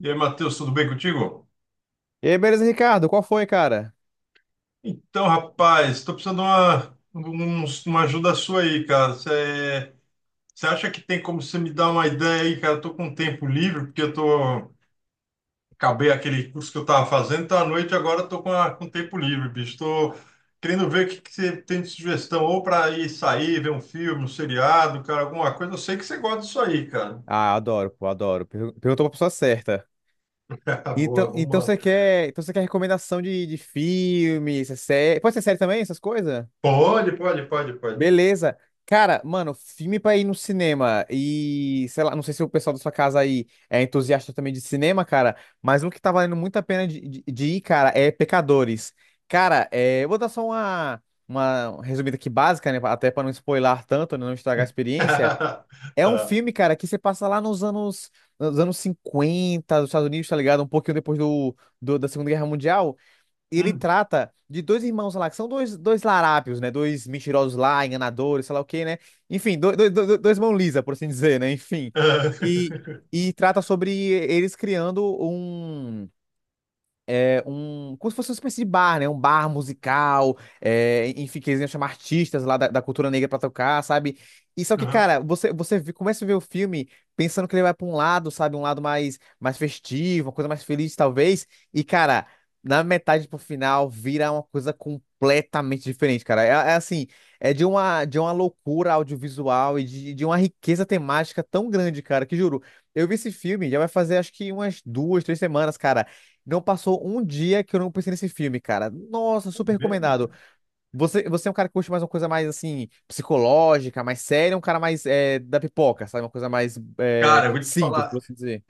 E aí, Matheus, tudo bem contigo? E aí, beleza, Ricardo? Qual foi, cara? Então, rapaz, estou precisando de uma, um- uma ajuda sua aí, cara. Você acha que tem como você me dar uma ideia aí, cara? Eu tô com tempo livre, porque eu tô, acabei aquele curso que eu estava fazendo, então à noite agora eu tô com, com tempo livre, bicho. Estou querendo ver o que, que você tem de sugestão, ou para ir sair, ver um filme, um seriado, cara, alguma coisa. Eu sei que você gosta disso aí, cara. Ah, adoro, pô, adoro. Perguntou pra pessoa certa. Boa, Então, vamos então lá. você quer recomendação de filme, essa série? Pode ser série também, essas coisas? Pode, pode, pode, pode. Beleza. Cara, mano, filme pra ir no cinema e, sei lá, não sei se o pessoal da sua casa aí é entusiasta também de cinema, cara, mas um que tá valendo muito a pena de, de ir, cara, é Pecadores. Cara, eu vou dar só uma resumida aqui básica, né, até pra não spoiler tanto, né, não estragar a experiência. É um Tá. filme, cara, que você passa lá nos anos, 50 dos Estados Unidos, tá ligado? Um pouquinho depois da Segunda Guerra Mundial. E ele Hum. trata de dois irmãos lá, que são dois larápios, né? Dois mentirosos lá, enganadores, sei lá o quê, né? Enfim, dois mão lisa, por assim dizer, né? Enfim. E, e trata sobre eles criando um como se fosse uma espécie de bar, né? Um bar musical, enfim, que eles iam chamar artistas lá da, cultura negra pra tocar, sabe? E só que, Aham. cara, começa a ver o filme pensando que ele vai pra um lado, sabe? Um lado mais festivo, uma coisa mais feliz, talvez. E, cara, na metade pro final vira uma coisa completamente diferente, cara. É assim, é de uma loucura audiovisual e de uma riqueza temática tão grande, cara, que juro. Eu vi esse filme, já vai fazer acho que umas duas, três semanas, cara. Não passou um dia que eu não pensei nesse filme, cara. Nossa, super Mesmo, recomendado. cara. Você é um cara que curte mais uma coisa mais, assim, psicológica, mais séria, um cara mais da pipoca, sabe? Uma coisa mais Cara, eu vou te simples, por falar. assim dizer.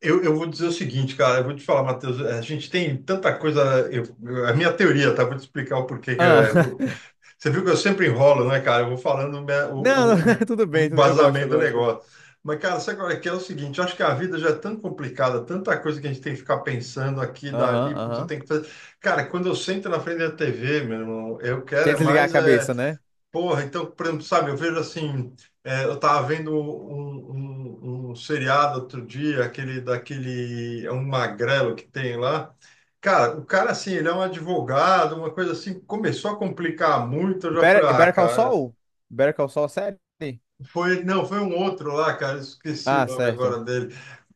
Eu vou dizer o seguinte, cara, eu vou te falar, Matheus, a gente tem tanta coisa. A minha teoria, tá? Vou te explicar o porquê. Ah, Você viu que eu sempre enrolo, né, cara? Eu vou falando minha- não, não, o, o, tudo o bem, eu gosto, eu embasamento do gosto. negócio. Mas, cara, sabe agora que é o seguinte, eu acho que a vida já é tão complicada, tanta coisa que a gente tem que ficar pensando aqui, dali, Aham, puta, aham. tem que fazer. Cara, quando eu sento na frente da TV, meu irmão, eu quero Quer é desligar a mais. Cabeça, né? Porra, então, por exemplo, sabe, eu vejo assim, eu tava vendo um seriado outro dia, aquele daquele, é um magrelo que tem lá. Cara, o cara assim, ele é um advogado, uma coisa assim, começou a complicar muito, eu já falei, Better, ah, Better Call cara, Saul? Better Call Saul, série? foi, não, foi um outro lá, cara, esqueci o Ah, nome certo. agora dele.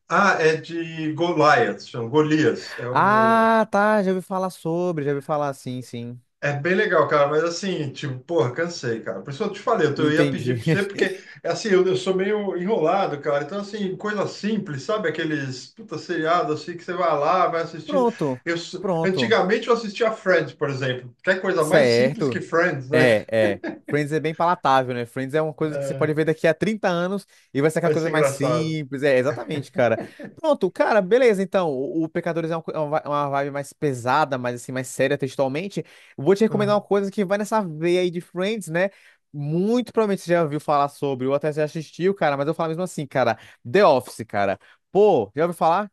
Ah, é de Goliath, chama Golias, é o. Ah, tá, já ouvi falar, sim, sim. É bem legal, cara, mas assim, tipo, porra, cansei, cara. Por isso eu te falei, eu, eu ia pedir Entendi. pra você, porque, assim, eu sou meio enrolado, cara. Então, assim, coisa simples, sabe? Aqueles, puta, seriado, assim, que você vai lá, vai assistindo. Pronto, Eu, s- pronto. Antigamente eu assistia Friends, por exemplo. Quer coisa mais simples que Certo. Friends, né? É, é. Friends é bem palatável, né? Friends é uma coisa que você É, pode ver daqui a 30 anos e vai ser aquela vai coisa ser mais engraçado. simples. É, exatamente, cara. Pronto, cara, beleza. Então, o Pecadores é uma, co- é uma vi- uma vibe mais pesada, mais assim, mais séria textualmente. Eu vou te recomendar uma Hum. coisa que vai nessa veia aí de Friends, né? Muito provavelmente você já ouviu falar sobre, ou até já assistiu, cara, mas eu falo mesmo assim, cara. The Office, cara. Pô, já ouviu falar?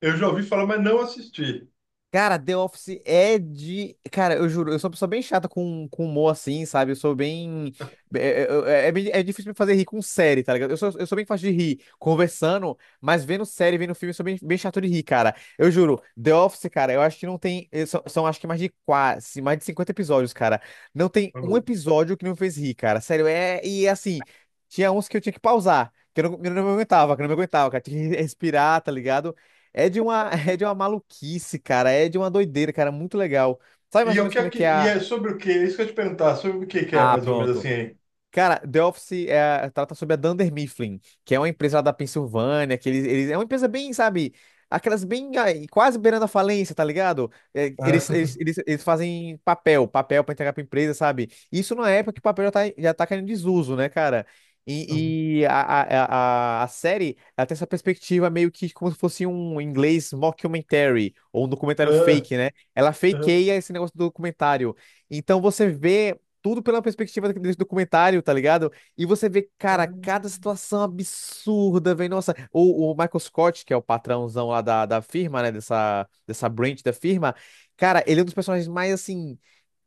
Eu já ouvi falar, mas não assisti. Cara, The Office é de. Cara, eu juro, eu sou uma pessoa bem chata com, humor assim, sabe? Eu sou bem. É difícil me fazer rir com série, tá ligado? Eu sou bem fácil de rir conversando, mas vendo série, vendo filme, eu sou bem, bem chato de rir, cara. Eu juro, The Office, cara, eu acho que não tem. São acho que mais de 50 episódios, cara. Não tem um Falou. episódio que não me fez rir, cara. Sério, é. E assim, tinha uns que eu tinha que pausar, que eu não me aguentava, que eu não me aguentava, cara. Tinha que respirar, tá ligado? É de uma, é de uma maluquice, cara. É de uma doideira, cara. Muito legal. Sabe mais E, ou o menos que é como é que, que é e a. é sobre o quê? É isso que eu ia te perguntar, sobre o que que é, Ah, mais ou menos, assim, pronto. hein? Cara, The Office trata sobre a Dunder Mifflin, que é uma empresa lá da Pensilvânia, que é uma empresa bem, sabe, aquelas bem, ai, quase beirando a falência, tá ligado? É, eles, eles, eles, eles fazem papel pra entregar pra empresa, sabe? Isso numa época que o papel já tá, caindo em desuso, né, cara? E a série, ela tem essa perspectiva meio que como se fosse um inglês mockumentary, ou um documentário Ah, fake, né? Ela ah, fakeia esse negócio do documentário. Então você vê tudo pela perspectiva desse documentário, tá ligado? E você vê, cara, ah, cada situação absurda, velho. Nossa, o Michael Scott, que é o patrãozão lá da firma, né? Dessa branch da firma, cara, ele é um dos personagens mais, assim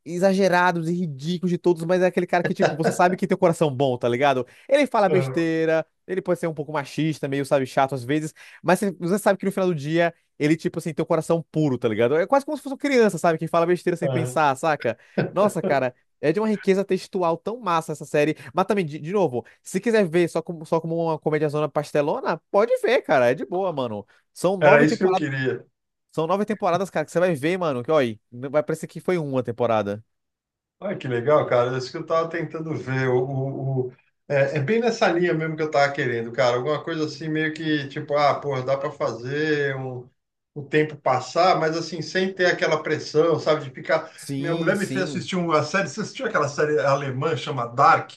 exagerados e ridículos de todos, mas é aquele cara que, tipo, você sabe que tem um coração bom, tá ligado? Ele fala ah. besteira, ele pode ser um pouco machista, meio, sabe, chato às vezes, mas você sabe que no final do dia ele, tipo assim, tem um coração puro, tá ligado? É quase como se fosse uma criança, sabe, que fala besteira sem Aham. pensar, saca? Nossa, cara. É de uma riqueza textual tão massa essa série. Mas também, de novo, se quiser ver só como uma comédiazona pastelona, pode ver, cara. É de boa, mano. São Era nove isso que eu temporadas. queria. São nove temporadas, cara, que você vai ver, mano. Que, olha, vai parecer que foi uma temporada. Olha que legal, cara. É isso que eu estava tentando ver. É, é bem nessa linha mesmo que eu estava querendo, cara. Alguma coisa assim, meio que tipo, ah, pô, dá para fazer um, o tempo passar, mas assim, sem ter aquela pressão, sabe? De ficar. Minha Sim, mulher me fez sim. assistir uma série. Você assistiu aquela série alemã chama Dark?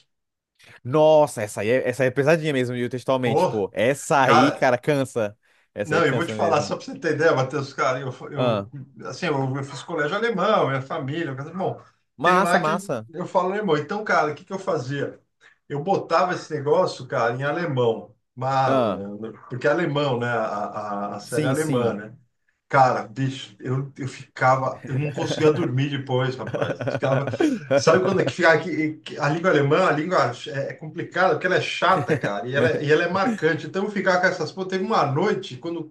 Nossa, essa aí é pesadinha mesmo, e textualmente, Porra, pô. Essa aí, cara. cara, cansa. Essa aí Não, eu vou te cansa falar, mesmo. só para você ter ideia, Matheus, cara, Ah, assim, eu fiz colégio alemão, minha família, mas, bom, tem lá massa, que massa. eu falo alemão. Então, cara, o que que eu fazia? Eu botava esse negócio, cara, em alemão, Ah, malandro, porque é alemão, né, a série é sim, alemã, sim. né? Cara, bicho, eu ficava, eu não conseguia dormir depois, rapaz. Ficava. Sabe quando é que fica aqui, que a língua alemã, a língua é complicada, porque ela é chata, cara, e ela, e ela é marcante. Então, ficar com essas. Pô, teve uma noite, quando.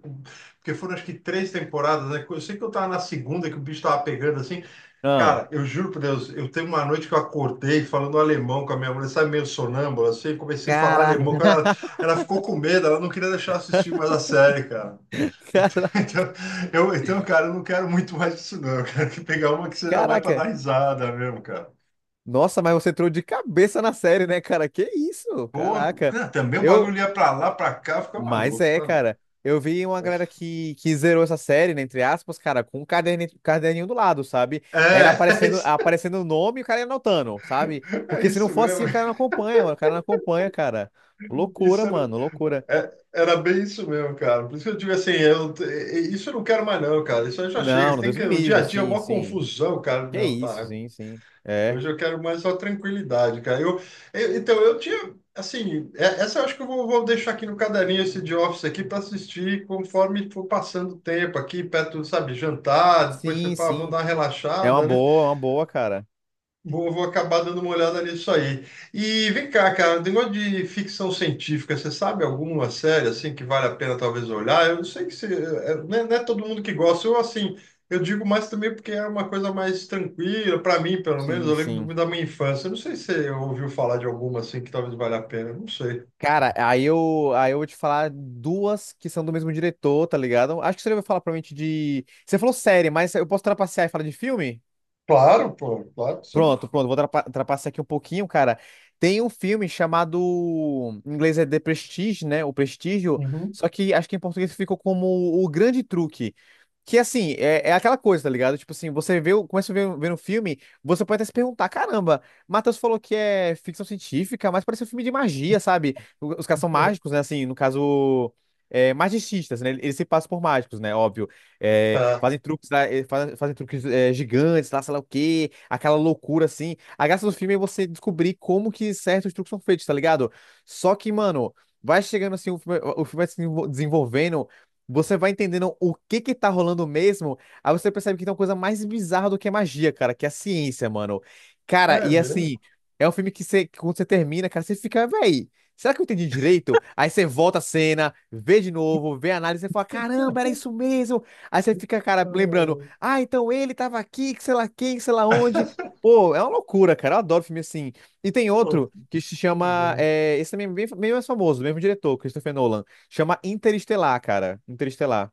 Porque foram acho que três temporadas, né? Eu sei que eu tava na segunda, que o bicho tava pegando assim. Ah, Cara, eu juro por Deus, eu teve uma noite que eu acordei falando alemão com a minha mulher, sabe, meio sonâmbula, assim, comecei a falar caraca. alemão. Quando ela, ela ficou com medo, ela não queria deixar eu assistir mais a série, cara. Cara- Então, eu, então, cara, eu não quero muito mais isso, não. Eu quero que pegar uma que seja mais para dar Caraca. risada mesmo, cara. Nossa, mas você entrou de cabeça na série, né, cara? Que isso? Porra, Caraca. cara, também o bagulho Eu ia pra lá, pra cá, fica Mas maluco, é, sabe? cara. Eu vi uma É, galera que zerou essa série, né, entre aspas, cara, com um caderninho, caderninho do lado, sabe? Era aparecendo isso- aparecendo o nome e o cara ia anotando, sabe? é Porque se não isso for mesmo. assim, o cara não acompanha, mano, o cara não acompanha, cara. Isso Loucura, era, mano, loucura. Era bem isso mesmo, cara. Por isso que eu digo assim, eu, isso eu não quero mais não, cara. Isso aí já chega. Não, Você não, tem Deus que, me o dia a livre, dia é sim, uma sim. confusão, cara. Que Não, isso, para. sim, sim. É, Hoje eu quero mais só tranquilidade, cara. Eu, então, eu tinha, assim, essa eu acho que eu vou, vou deixar aqui no caderninho esse de office aqui para assistir conforme for passando o tempo aqui, perto, sabe, jantar, depois você, sim, pá, vão sim. dar uma relaxada, né? É uma boa, cara. Vou, vou acabar dando uma olhada nisso aí. E vem cá, cara, um negócio de ficção científica, você sabe alguma série assim que vale a pena talvez olhar? Eu sei que você, é, não é todo mundo que gosta. Eu assim, eu digo mais também porque é uma coisa mais tranquila para mim, pelo menos. Sim, Eu lembro sim. Da minha infância. Eu não sei se você ouviu falar de alguma assim que talvez valha a pena. Eu não sei. Cara, aí eu vou te falar duas que são do mesmo diretor, tá ligado? Acho que você vai falar provavelmente de. Você falou série, mas eu posso trapacear e falar de filme? Claro, pô, claro que sim. Pronto, pronto, vou trapacear aqui um pouquinho, cara. Tem um filme chamado, em inglês é The Prestige, né? O Prestígio, Uhum. só que acho que em português ficou como O Grande Truque. Que assim, é aquela coisa, tá ligado? Tipo assim, começa a ver um filme, você pode até se perguntar: Caramba, Matheus falou que é ficção científica, mas parece um filme de magia, sabe? Os caras são mágicos, né? Assim, no caso, magicistas, né? Eles se passam por mágicos, né? Óbvio. É, Tá. fazem truques, lá, fazem truques gigantes, lá, sei lá o quê, aquela loucura assim. A graça do filme é você descobrir como que certos truques são feitos, tá ligado? Só que, mano, vai chegando assim, o filme vai se desenvolvendo, você vai entendendo o que que tá rolando mesmo, aí você percebe que tem uma coisa mais bizarra do que a magia, cara, que é a ciência, mano. Cara, É e assim, mesmo. é um filme que, que quando você termina, cara, você fica, véi. Será que eu entendi direito? Aí você volta a cena, vê de novo, vê a análise e fala: Caramba, era isso mesmo! Aí você fica, cara, lembrando, ah, então ele tava aqui, que sei lá quem, que sei lá onde. Ah. Pô, é uma loucura, cara. Eu adoro filme assim. E tem Pô, outro que se que chama. legal. Esse também é bem mais famoso, mesmo diretor, Christopher Nolan. Chama Interestelar, cara. Interestelar.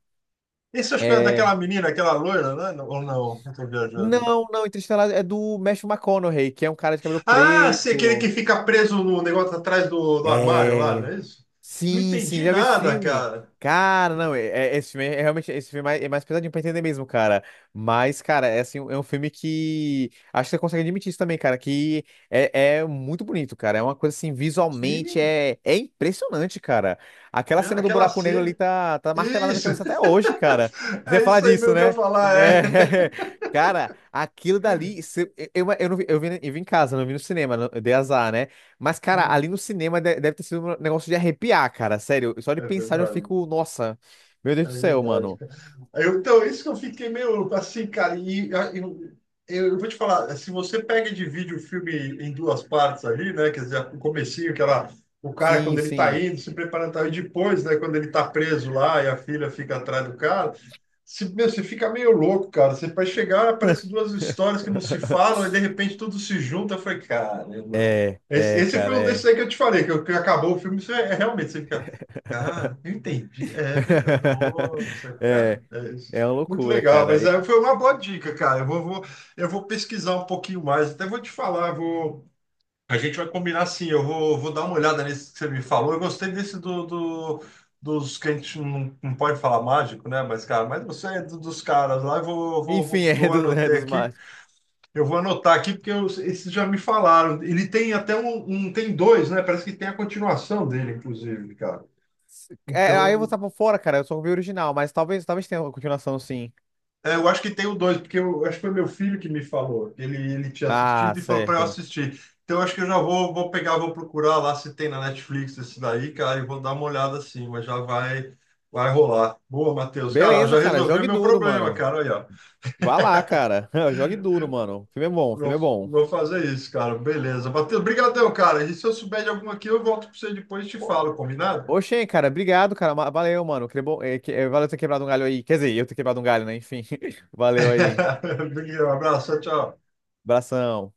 Esse acho que é daquela menina, aquela loira, né? Não- Ou não? Eu tô viajando. Não, não, Interestelar é do Matthew McConaughey, que é um cara de cabelo Ah, se aquele que preto. fica preso no negócio atrás do, do armário lá, não É. é isso? Não Sim, sim, entendi já vi esse nada, filme. cara. Cara, não, é, esse filme é realmente esse filme é mais pesadinho pra entender mesmo, cara. Mas, cara, assim, é um filme que acho que você consegue admitir isso também, cara, que é muito bonito, cara. É uma coisa assim, visualmente Sim, é impressionante, cara. Aquela né? cena do Aquela buraco negro ali cena. tá martelada na minha Isso, cabeça até hoje, cara. Você é falar isso aí disso, mesmo que eu ia né? falar, é. É. Cara, aquilo dali, eu vi em casa, não vi no cinema, eu dei azar, né? Mas, cara, Hum. ali no cinema deve ter sido um negócio de arrepiar, cara. Sério, só de É pensar eu verdade. fico, nossa, meu Deus É do céu, verdade, mano. cara. Eu, então, isso que eu fiquei meio assim, cara. Eu, eu vou te falar, se você pega e divide o filme em duas partes ali, né? Quer dizer, o comecinho, que ela, o cara, quando Sim, ele tá sim. indo, se preparando, tá, e depois, né, quando ele tá preso lá e a filha fica atrás do cara, se, meu, você fica meio louco, cara. Você vai chegar, aparece duas histórias que não se falam, e de repente tudo se junta. Eu falei, cara, É, esse, é, esse foi cara, um desses é. aí que eu te falei, que, que acabou o filme, você, é, é realmente, você fica. Cara, eu entendi. É verdade. Nossa, cara. É, É isso. é uma Muito loucura, legal, cara. mas é, foi uma boa dica, cara. Eu vou, vou- eu vou pesquisar um pouquinho mais. Até vou te falar, vou, a gente vai combinar assim. Eu vou, vou dar uma olhada nesse que você me falou. Eu gostei desse do, dos que a gente não, não pode falar mágico, né? Mas, cara, mas você é dos caras lá. Eu vou, vou, Enfim, vou, eu é anotei dos aqui. mágicos. Eu vou anotar aqui porque eu- esses já me falaram. Ele tem até um, um, tem dois, né? Parece que tem a continuação dele, inclusive, cara. É, aí eu vou Então, estar por fora, cara. Eu só vi o original, mas talvez tenha uma continuação, sim. é, eu acho que tem o dois, porque eu acho que foi meu filho que me falou. Ele tinha Ah, assistido e falou para eu certo. assistir. Então eu acho que eu já vou, vou pegar, vou procurar lá se tem na Netflix esse daí, cara, e vou dar uma olhada assim, mas já vai, vai rolar. Boa, Matheus. Cara, Beleza, já cara. resolveu Jogue meu duro, problema, mano. cara. Aí, ó. Vá lá, cara. Jogue duro, mano. O filme é bom, o filme Vou, é bom. vou fazer isso, cara. Beleza. Matheus, brigadão, cara. E se eu souber de alguma aqui, eu volto para você depois e te Ô, falo, combinado? ô, Shen, cara, obrigado, cara. Valeu, mano. Que bom, valeu ter quebrado um galho aí. Quer dizer, eu ter quebrado um galho, né? Enfim, valeu aí. Um abraço, tchau. Tchau. Abração.